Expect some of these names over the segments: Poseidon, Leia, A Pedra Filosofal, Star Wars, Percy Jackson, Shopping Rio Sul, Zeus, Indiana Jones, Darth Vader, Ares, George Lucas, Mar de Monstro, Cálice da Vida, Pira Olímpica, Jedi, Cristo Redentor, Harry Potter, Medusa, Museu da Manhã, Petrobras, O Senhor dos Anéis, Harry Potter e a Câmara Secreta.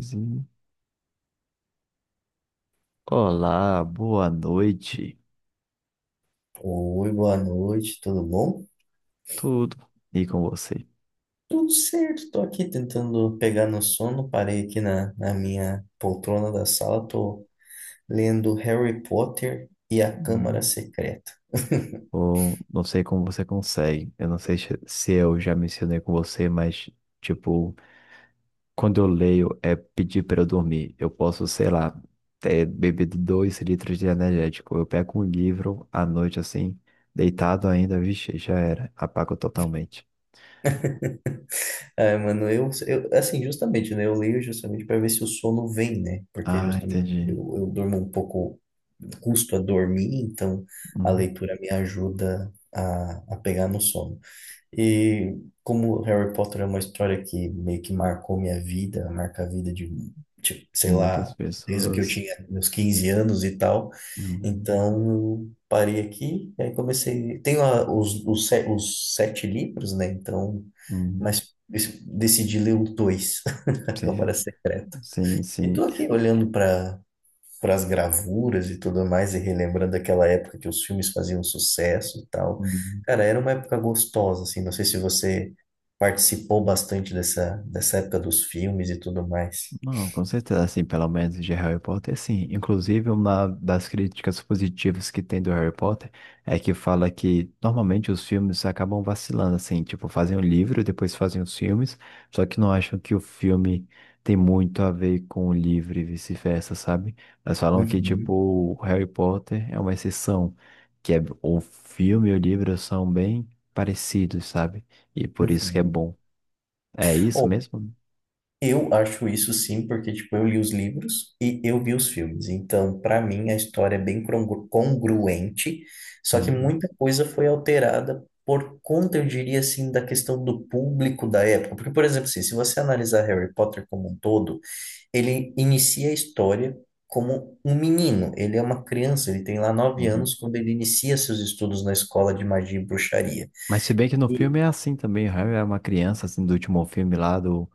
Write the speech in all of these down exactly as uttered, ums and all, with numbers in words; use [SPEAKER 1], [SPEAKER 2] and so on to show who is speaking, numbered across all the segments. [SPEAKER 1] Sim. Olá, boa noite.
[SPEAKER 2] Oi, boa noite, tudo bom?
[SPEAKER 1] Tudo. E com você?
[SPEAKER 2] Tudo certo, tô aqui tentando pegar no sono, parei aqui na, na minha poltrona da sala, tô lendo Harry Potter e a Câmara
[SPEAKER 1] Hum,
[SPEAKER 2] Secreta.
[SPEAKER 1] Bom, não sei como você consegue. Eu não sei se se eu já mencionei com você, mas, tipo, quando eu leio é pedir para eu dormir. Eu posso, sei lá, ter bebido dois litros de energético. Eu pego um livro à noite, assim, deitado ainda, vixe, já era. Apago totalmente.
[SPEAKER 2] Ah, mano, eu, eu, assim, justamente, né, eu leio justamente para ver se o sono vem, né, porque
[SPEAKER 1] Ah,
[SPEAKER 2] justamente eu,
[SPEAKER 1] entendi.
[SPEAKER 2] eu durmo um pouco, custo a dormir, então a
[SPEAKER 1] Uhum.
[SPEAKER 2] leitura me ajuda a, a pegar no sono. E como Harry Potter é uma história que meio que marcou minha vida, marca a vida de, tipo, sei
[SPEAKER 1] Muitas
[SPEAKER 2] lá, desde o que eu
[SPEAKER 1] pessoas.
[SPEAKER 2] tinha meus quinze anos e tal,
[SPEAKER 1] Uhum.
[SPEAKER 2] então eu parei aqui e aí comecei. Tenho a- os, os, se- os sete livros, né? Então,
[SPEAKER 1] Uhum.
[SPEAKER 2] mas es- decidi ler os dois, A
[SPEAKER 1] Sim,
[SPEAKER 2] Câmara Secreta.
[SPEAKER 1] sim,
[SPEAKER 2] E tô
[SPEAKER 1] sim.
[SPEAKER 2] aqui olhando para para as gravuras e tudo mais, e relembrando aquela época que os filmes faziam sucesso e tal.
[SPEAKER 1] Uhum.
[SPEAKER 2] Cara, era uma época gostosa, assim, não sei se você participou bastante dessa, dessa época dos filmes e tudo mais.
[SPEAKER 1] Não, com certeza, assim, pelo menos de Harry Potter, sim. Inclusive, uma das críticas positivas que tem do Harry Potter é que fala que normalmente os filmes acabam vacilando, assim, tipo, fazem o livro, depois fazem os filmes, só que não acham que o filme tem muito a ver com o livro e vice-versa, sabe? Mas falam que, tipo,
[SPEAKER 2] Uhum,
[SPEAKER 1] o Harry Potter é uma exceção, que é, o filme e o livro são bem parecidos, sabe? E por isso que é
[SPEAKER 2] uhum.
[SPEAKER 1] bom. É isso mesmo?
[SPEAKER 2] Eu acho isso sim, porque tipo, eu li os livros e eu vi os filmes. Então, para mim, a história é bem congru- congruente, só que
[SPEAKER 1] Uhum,
[SPEAKER 2] muita coisa foi alterada por conta, eu diria assim, da questão do público da época. Porque, por exemplo, assim, se você analisar Harry Potter como um todo, ele inicia a história como um menino. Ele é uma criança, ele tem lá nove
[SPEAKER 1] uhum.
[SPEAKER 2] anos quando ele inicia seus estudos na escola de magia e bruxaria.
[SPEAKER 1] Mas se bem que no filme é assim também, o Harry é uma criança, assim, do último filme lá, do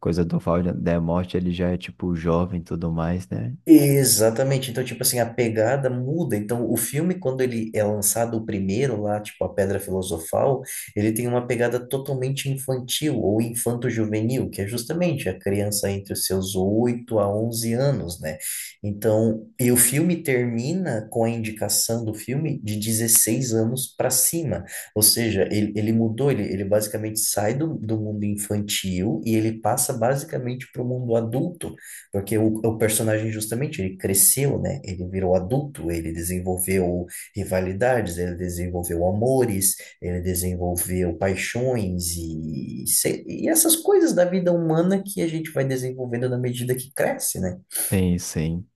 [SPEAKER 1] Coisa do Val da Morte, ele já é, tipo, jovem e tudo mais, né?
[SPEAKER 2] Exatamente. Então, tipo assim, a pegada muda. Então, o filme, quando ele é lançado, o primeiro lá, tipo A Pedra Filosofal, ele tem uma pegada totalmente infantil ou infanto-juvenil, que é justamente a criança entre os seus oito a onze anos, né? Então, e o filme termina com a indicação do filme de dezesseis anos para cima. Ou seja, ele, ele mudou, ele, ele basicamente sai do, do mundo infantil e ele passa basicamente para o mundo adulto. Porque o, o personagem, justamente, ele cresceu, né? Ele virou adulto, ele desenvolveu rivalidades, ele desenvolveu amores, ele desenvolveu paixões e, se- e essas coisas da vida humana que a gente vai desenvolvendo na medida que cresce, né?
[SPEAKER 1] Tem, sim.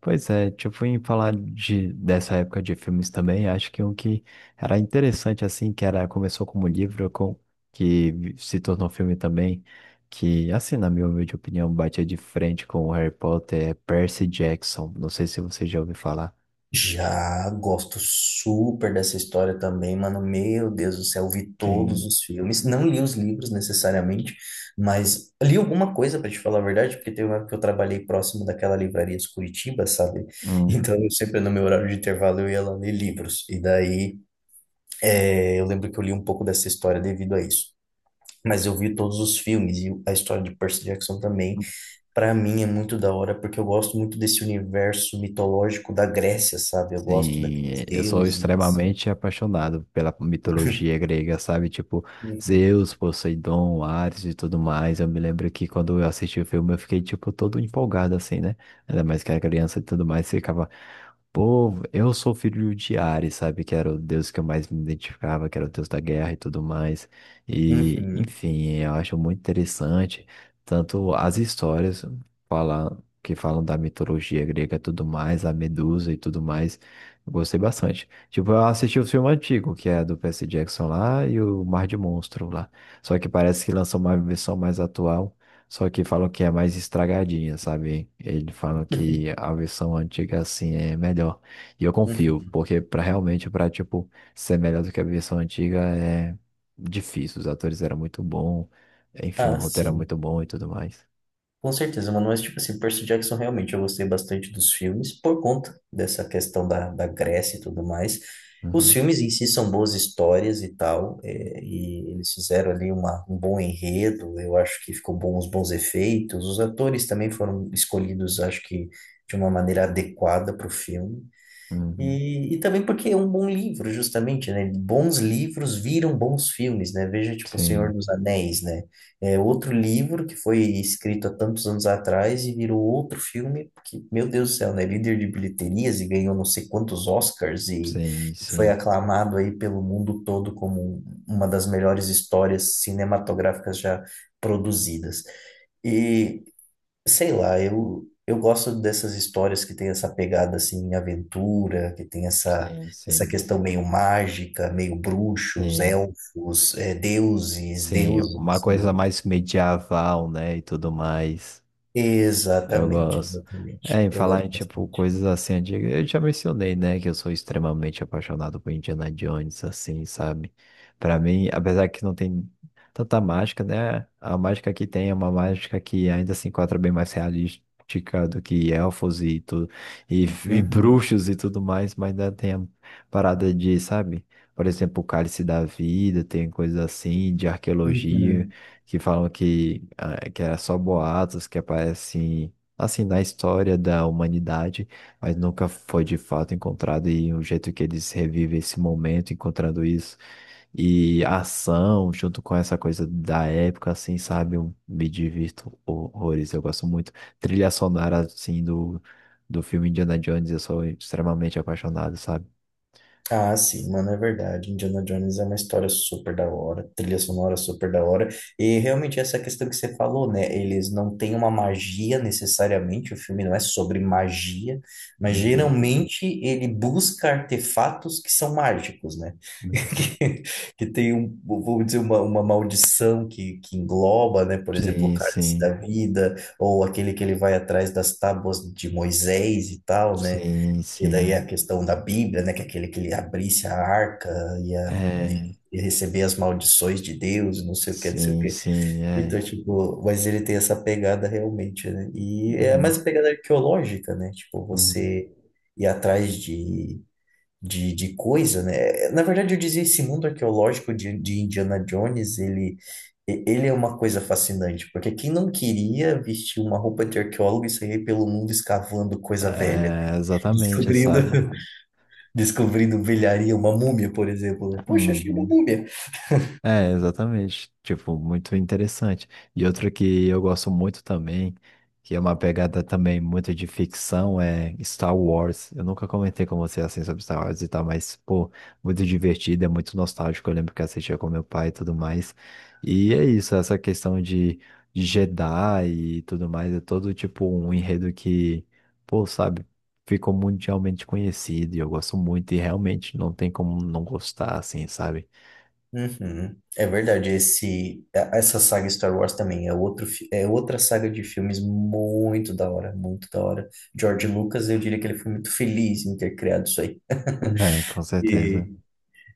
[SPEAKER 1] Pois é, tipo, em falar de, dessa época de filmes também, acho que um que era interessante, assim, que era, começou como livro, com, que vi- se tornou filme também, que, assim, na minha humilde opinião, batia de frente com o Harry Potter, é Percy Jackson. Não sei se você já ouviu falar.
[SPEAKER 2] Já gosto super dessa história também, mano. Meu Deus do céu, vi todos
[SPEAKER 1] Sim.
[SPEAKER 2] os filmes. Não li os livros necessariamente, mas li alguma coisa para te falar a verdade, porque teve uma época que eu trabalhei próximo daquela livraria de Curitiba, sabe? Então, eu sempre no meu horário de intervalo eu ia lá ler livros. E daí, eh, eu lembro que eu li um pouco dessa história devido a isso. Mas eu vi todos os filmes e a história de Percy Jackson também. Pra mim é muito da hora, porque eu gosto muito desse universo mitológico da Grécia, sabe? Eu gosto
[SPEAKER 1] Sim,
[SPEAKER 2] daqueles
[SPEAKER 1] é, eu sou
[SPEAKER 2] deuses.
[SPEAKER 1] extremamente apaixonado pela mitologia grega, sabe? Tipo,
[SPEAKER 2] Uhum,
[SPEAKER 1] Zeus, Poseidon, Ares e tudo mais. Eu me lembro que quando eu assisti o filme eu fiquei, tipo, todo empolgado, assim, né? Ainda mais que era criança e tudo mais, ficava. Pô, eu sou filho de Ares, sabe? Que era o deus que eu mais me identificava, que era o deus da guerra e tudo mais. E,
[SPEAKER 2] uhum,
[SPEAKER 1] enfim, eu acho muito interessante tanto as histórias fala- que falam da mitologia grega e tudo mais, a Medusa e tudo mais. Eu gostei bastante. Tipo, eu assisti o filme antigo, que é do Percy Jackson lá e o Mar de Monstro lá. Só que parece que lançou uma versão mais atual. Só que falam que é mais estragadinha, sabe? Eles falam que a versão antiga, assim, é melhor. E eu confio,
[SPEAKER 2] uhum.
[SPEAKER 1] porque para realmente, para tipo, ser melhor do que a versão antiga é difícil. Os atores eram muito bons, enfim, o
[SPEAKER 2] Ah,
[SPEAKER 1] roteiro era
[SPEAKER 2] sim.
[SPEAKER 1] muito bom e tudo mais.
[SPEAKER 2] Com certeza, mano. Mas, tipo assim, Percy Jackson, realmente, eu gostei bastante dos filmes por conta dessa questão da, da Grécia e tudo mais. Os
[SPEAKER 1] Uhum,
[SPEAKER 2] filmes em si são boas histórias e tal, é, e eles fizeram ali uma, um bom enredo, eu acho que ficou bom, os bons efeitos. Os atores também foram escolhidos, acho que, de uma maneira adequada para o filme.
[SPEAKER 1] uhum.
[SPEAKER 2] E, e também porque é um bom livro, justamente, né? Bons livros viram bons filmes, né? Veja, tipo, O Senhor
[SPEAKER 1] Sim,
[SPEAKER 2] dos Anéis, né? É outro livro que foi escrito há tantos anos atrás e virou outro filme, porque, meu Deus do céu, né? Líder de bilheterias e ganhou não sei quantos Oscars e
[SPEAKER 1] sim,
[SPEAKER 2] foi
[SPEAKER 1] sim,
[SPEAKER 2] aclamado aí pelo mundo todo como um, uma das melhores histórias cinematográficas já produzidas. E sei lá, eu, eu gosto dessas histórias que tem essa pegada assim, aventura, que tem essa,
[SPEAKER 1] sim,
[SPEAKER 2] essa
[SPEAKER 1] sim,
[SPEAKER 2] questão meio mágica, meio bruxos,
[SPEAKER 1] sim,
[SPEAKER 2] elfos, eh, deuses,
[SPEAKER 1] sim. Uma
[SPEAKER 2] deuses.
[SPEAKER 1] coisa
[SPEAKER 2] e-
[SPEAKER 1] mais medieval, né, e tudo mais. Eu
[SPEAKER 2] Exatamente,
[SPEAKER 1] gosto. É,
[SPEAKER 2] exatamente.
[SPEAKER 1] em
[SPEAKER 2] Eu
[SPEAKER 1] falar
[SPEAKER 2] gosto
[SPEAKER 1] em, tipo,
[SPEAKER 2] bastante.
[SPEAKER 1] coisas assim antigas, eu já mencionei, né, que eu sou extremamente apaixonado por Indiana Jones, assim, sabe? Pra mim, apesar que não tem tanta mágica, né, a mágica que tem é uma mágica que ainda se enquadra bem mais realística do que elfos e tudo, e, e
[SPEAKER 2] Uhum,
[SPEAKER 1] bruxos e tudo mais, mas ainda tem a parada de, sabe? Por exemplo, o Cálice da Vida, tem coisas assim, de arqueologia,
[SPEAKER 2] uhum.
[SPEAKER 1] que falam que, ah, que era só boatos, que aparecem assim, na história da humanidade, mas nunca foi de fato encontrado e o jeito que eles revivem esse momento, encontrando isso, e a ação, junto com essa coisa da época, assim, sabe, eu me divirto horrores, eu gosto muito. Trilha sonora, assim, do, do, filme Indiana Jones, eu sou extremamente apaixonado, sabe?
[SPEAKER 2] Ah, sim, mano, é verdade. Indiana Jones é uma história super da hora, trilha sonora super da hora. E realmente essa questão que você falou, né? Eles não têm uma magia necessariamente, o filme não é sobre magia, mas
[SPEAKER 1] Uhum,
[SPEAKER 2] geralmente ele busca artefatos que são mágicos, né?
[SPEAKER 1] uhum.
[SPEAKER 2] Que, que tem um, vamos dizer, uma, uma maldição que, que engloba, né? Por exemplo, o
[SPEAKER 1] Sim,
[SPEAKER 2] cálice
[SPEAKER 1] sim,
[SPEAKER 2] da vida, ou aquele que ele vai atrás das tábuas de Moisés e tal, né?
[SPEAKER 1] sim,
[SPEAKER 2] Que daí
[SPEAKER 1] sim,
[SPEAKER 2] a questão da Bíblia, né? Que é aquele que ele abrisse a arca ia,
[SPEAKER 1] é,
[SPEAKER 2] ia receber as maldições de Deus, não sei o que, não sei o
[SPEAKER 1] sim,
[SPEAKER 2] que.
[SPEAKER 1] sim, é.
[SPEAKER 2] Então, tipo, mas ele tem essa pegada realmente, né? E é mais
[SPEAKER 1] Uhum,
[SPEAKER 2] a pegada arqueológica, né? Tipo,
[SPEAKER 1] uhum.
[SPEAKER 2] você ir atrás de, de, de coisa, né? Na verdade, eu dizia esse mundo arqueológico de, de Indiana Jones, ele. e- ele é uma coisa fascinante, porque quem não queria vestir uma roupa de arqueólogo e sair pelo mundo escavando coisa velha,
[SPEAKER 1] É, exatamente,
[SPEAKER 2] descobrindo
[SPEAKER 1] sabe?
[SPEAKER 2] descobrindo velharia, uma múmia, por exemplo. Né? Poxa, achei uma
[SPEAKER 1] Uhum.
[SPEAKER 2] múmia.
[SPEAKER 1] É, exatamente. Tipo, muito interessante. E outra que eu gosto muito também, que é uma pegada também muito de ficção, é Star Wars. Eu nunca comentei com você assim sobre Star Wars e tal, mas, pô, muito divertido, é muito nostálgico. Eu lembro que assistia com meu pai e tudo mais. E é isso, essa questão de, de Jedi e tudo mais, é todo tipo um enredo que, pô, sabe, ficou mundialmente conhecido e eu gosto muito e realmente não tem como não gostar, assim, sabe?
[SPEAKER 2] Uhum. É verdade, esse, a- essa saga Star Wars também é outro, fi- é outra saga de filmes muito da hora, muito da hora. George Lucas, eu diria que ele foi muito feliz em ter criado isso aí.
[SPEAKER 1] É, com certeza.
[SPEAKER 2] E,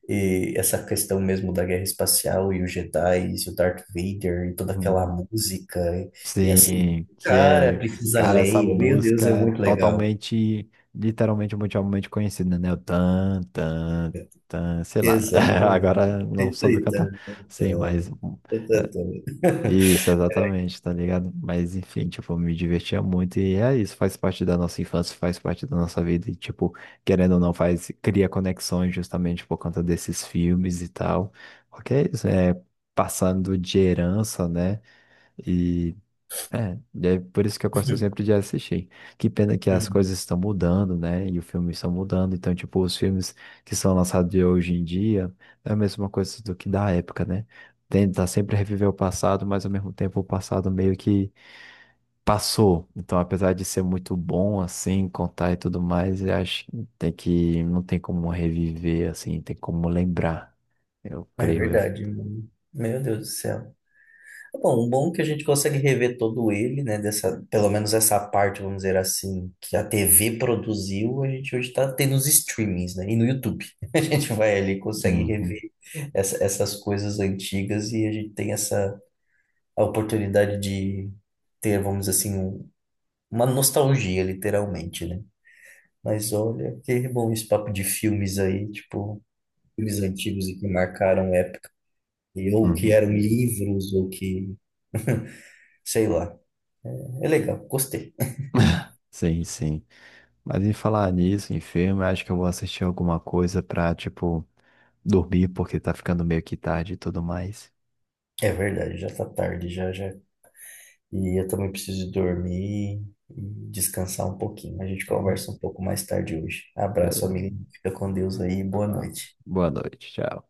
[SPEAKER 2] e essa questão mesmo da guerra espacial e os Jedi e o Darth Vader e toda aquela
[SPEAKER 1] Uhum.
[SPEAKER 2] música e, e essa
[SPEAKER 1] Sim, que
[SPEAKER 2] cara,
[SPEAKER 1] é,
[SPEAKER 2] precisa
[SPEAKER 1] cara, essa
[SPEAKER 2] Leia, meu Deus,
[SPEAKER 1] música
[SPEAKER 2] é
[SPEAKER 1] é
[SPEAKER 2] muito legal.
[SPEAKER 1] totalmente, literalmente, mundialmente conhecida, né? O tan, tan, tan, sei lá.
[SPEAKER 2] Exatamente.
[SPEAKER 1] Agora não soube
[SPEAKER 2] Perfeita.
[SPEAKER 1] cantar. Sim, mas hum, é, isso, exatamente, tá ligado? Mas enfim, tipo, me divertia muito e é isso, faz parte da nossa infância, faz parte da nossa vida e, tipo, querendo ou não, faz, cria conexões justamente por conta desses filmes e tal. Porque é isso, é passando de herança, né? É, e é por isso que eu gosto
[SPEAKER 2] Uhum,
[SPEAKER 1] sempre de assistir. Que pena que as
[SPEAKER 2] uhum.
[SPEAKER 1] coisas estão mudando, né? E os filmes estão mudando. Então, tipo, os filmes que são lançados de hoje em dia é a mesma coisa do que da época, né? Tenta sempre reviver o passado, mas ao mesmo tempo o passado meio que passou. Então, apesar de ser muito bom, assim, contar e tudo mais, eu acho que tem que, não tem como reviver, assim, tem como lembrar, eu
[SPEAKER 2] É
[SPEAKER 1] creio eu.
[SPEAKER 2] verdade, mano. Meu Deus do céu. Bom, o bom é que a gente consegue rever todo ele, né? Dessa, pelo menos essa parte, vamos dizer assim, que a T V produziu, a gente hoje está tendo os streamings, né? E no YouTube. A gente vai ali e consegue
[SPEAKER 1] Uhum,
[SPEAKER 2] rever essa- essas coisas antigas e a gente tem essa a oportunidade de ter, vamos dizer assim, um- uma nostalgia, literalmente, né? Mas olha, que bom esse papo de filmes aí, tipo, filmes antigos e que marcaram e- ou que
[SPEAKER 1] uhum.
[SPEAKER 2] eram livros, ou que, sei lá. É legal, gostei.
[SPEAKER 1] Sim, sim. Mas em falar nisso, em filme, acho que eu vou assistir alguma coisa pra, tipo, dormir, porque tá ficando meio que tarde e tudo mais.
[SPEAKER 2] É verdade, já tá tarde, já, já. E eu também preciso dormir e descansar um pouquinho. A gente
[SPEAKER 1] Uhum.
[SPEAKER 2] conversa um pouco mais tarde hoje. Abraço,
[SPEAKER 1] Beleza.
[SPEAKER 2] amigo. Fica com Deus aí, boa
[SPEAKER 1] Ah,
[SPEAKER 2] noite.
[SPEAKER 1] boa noite, tchau.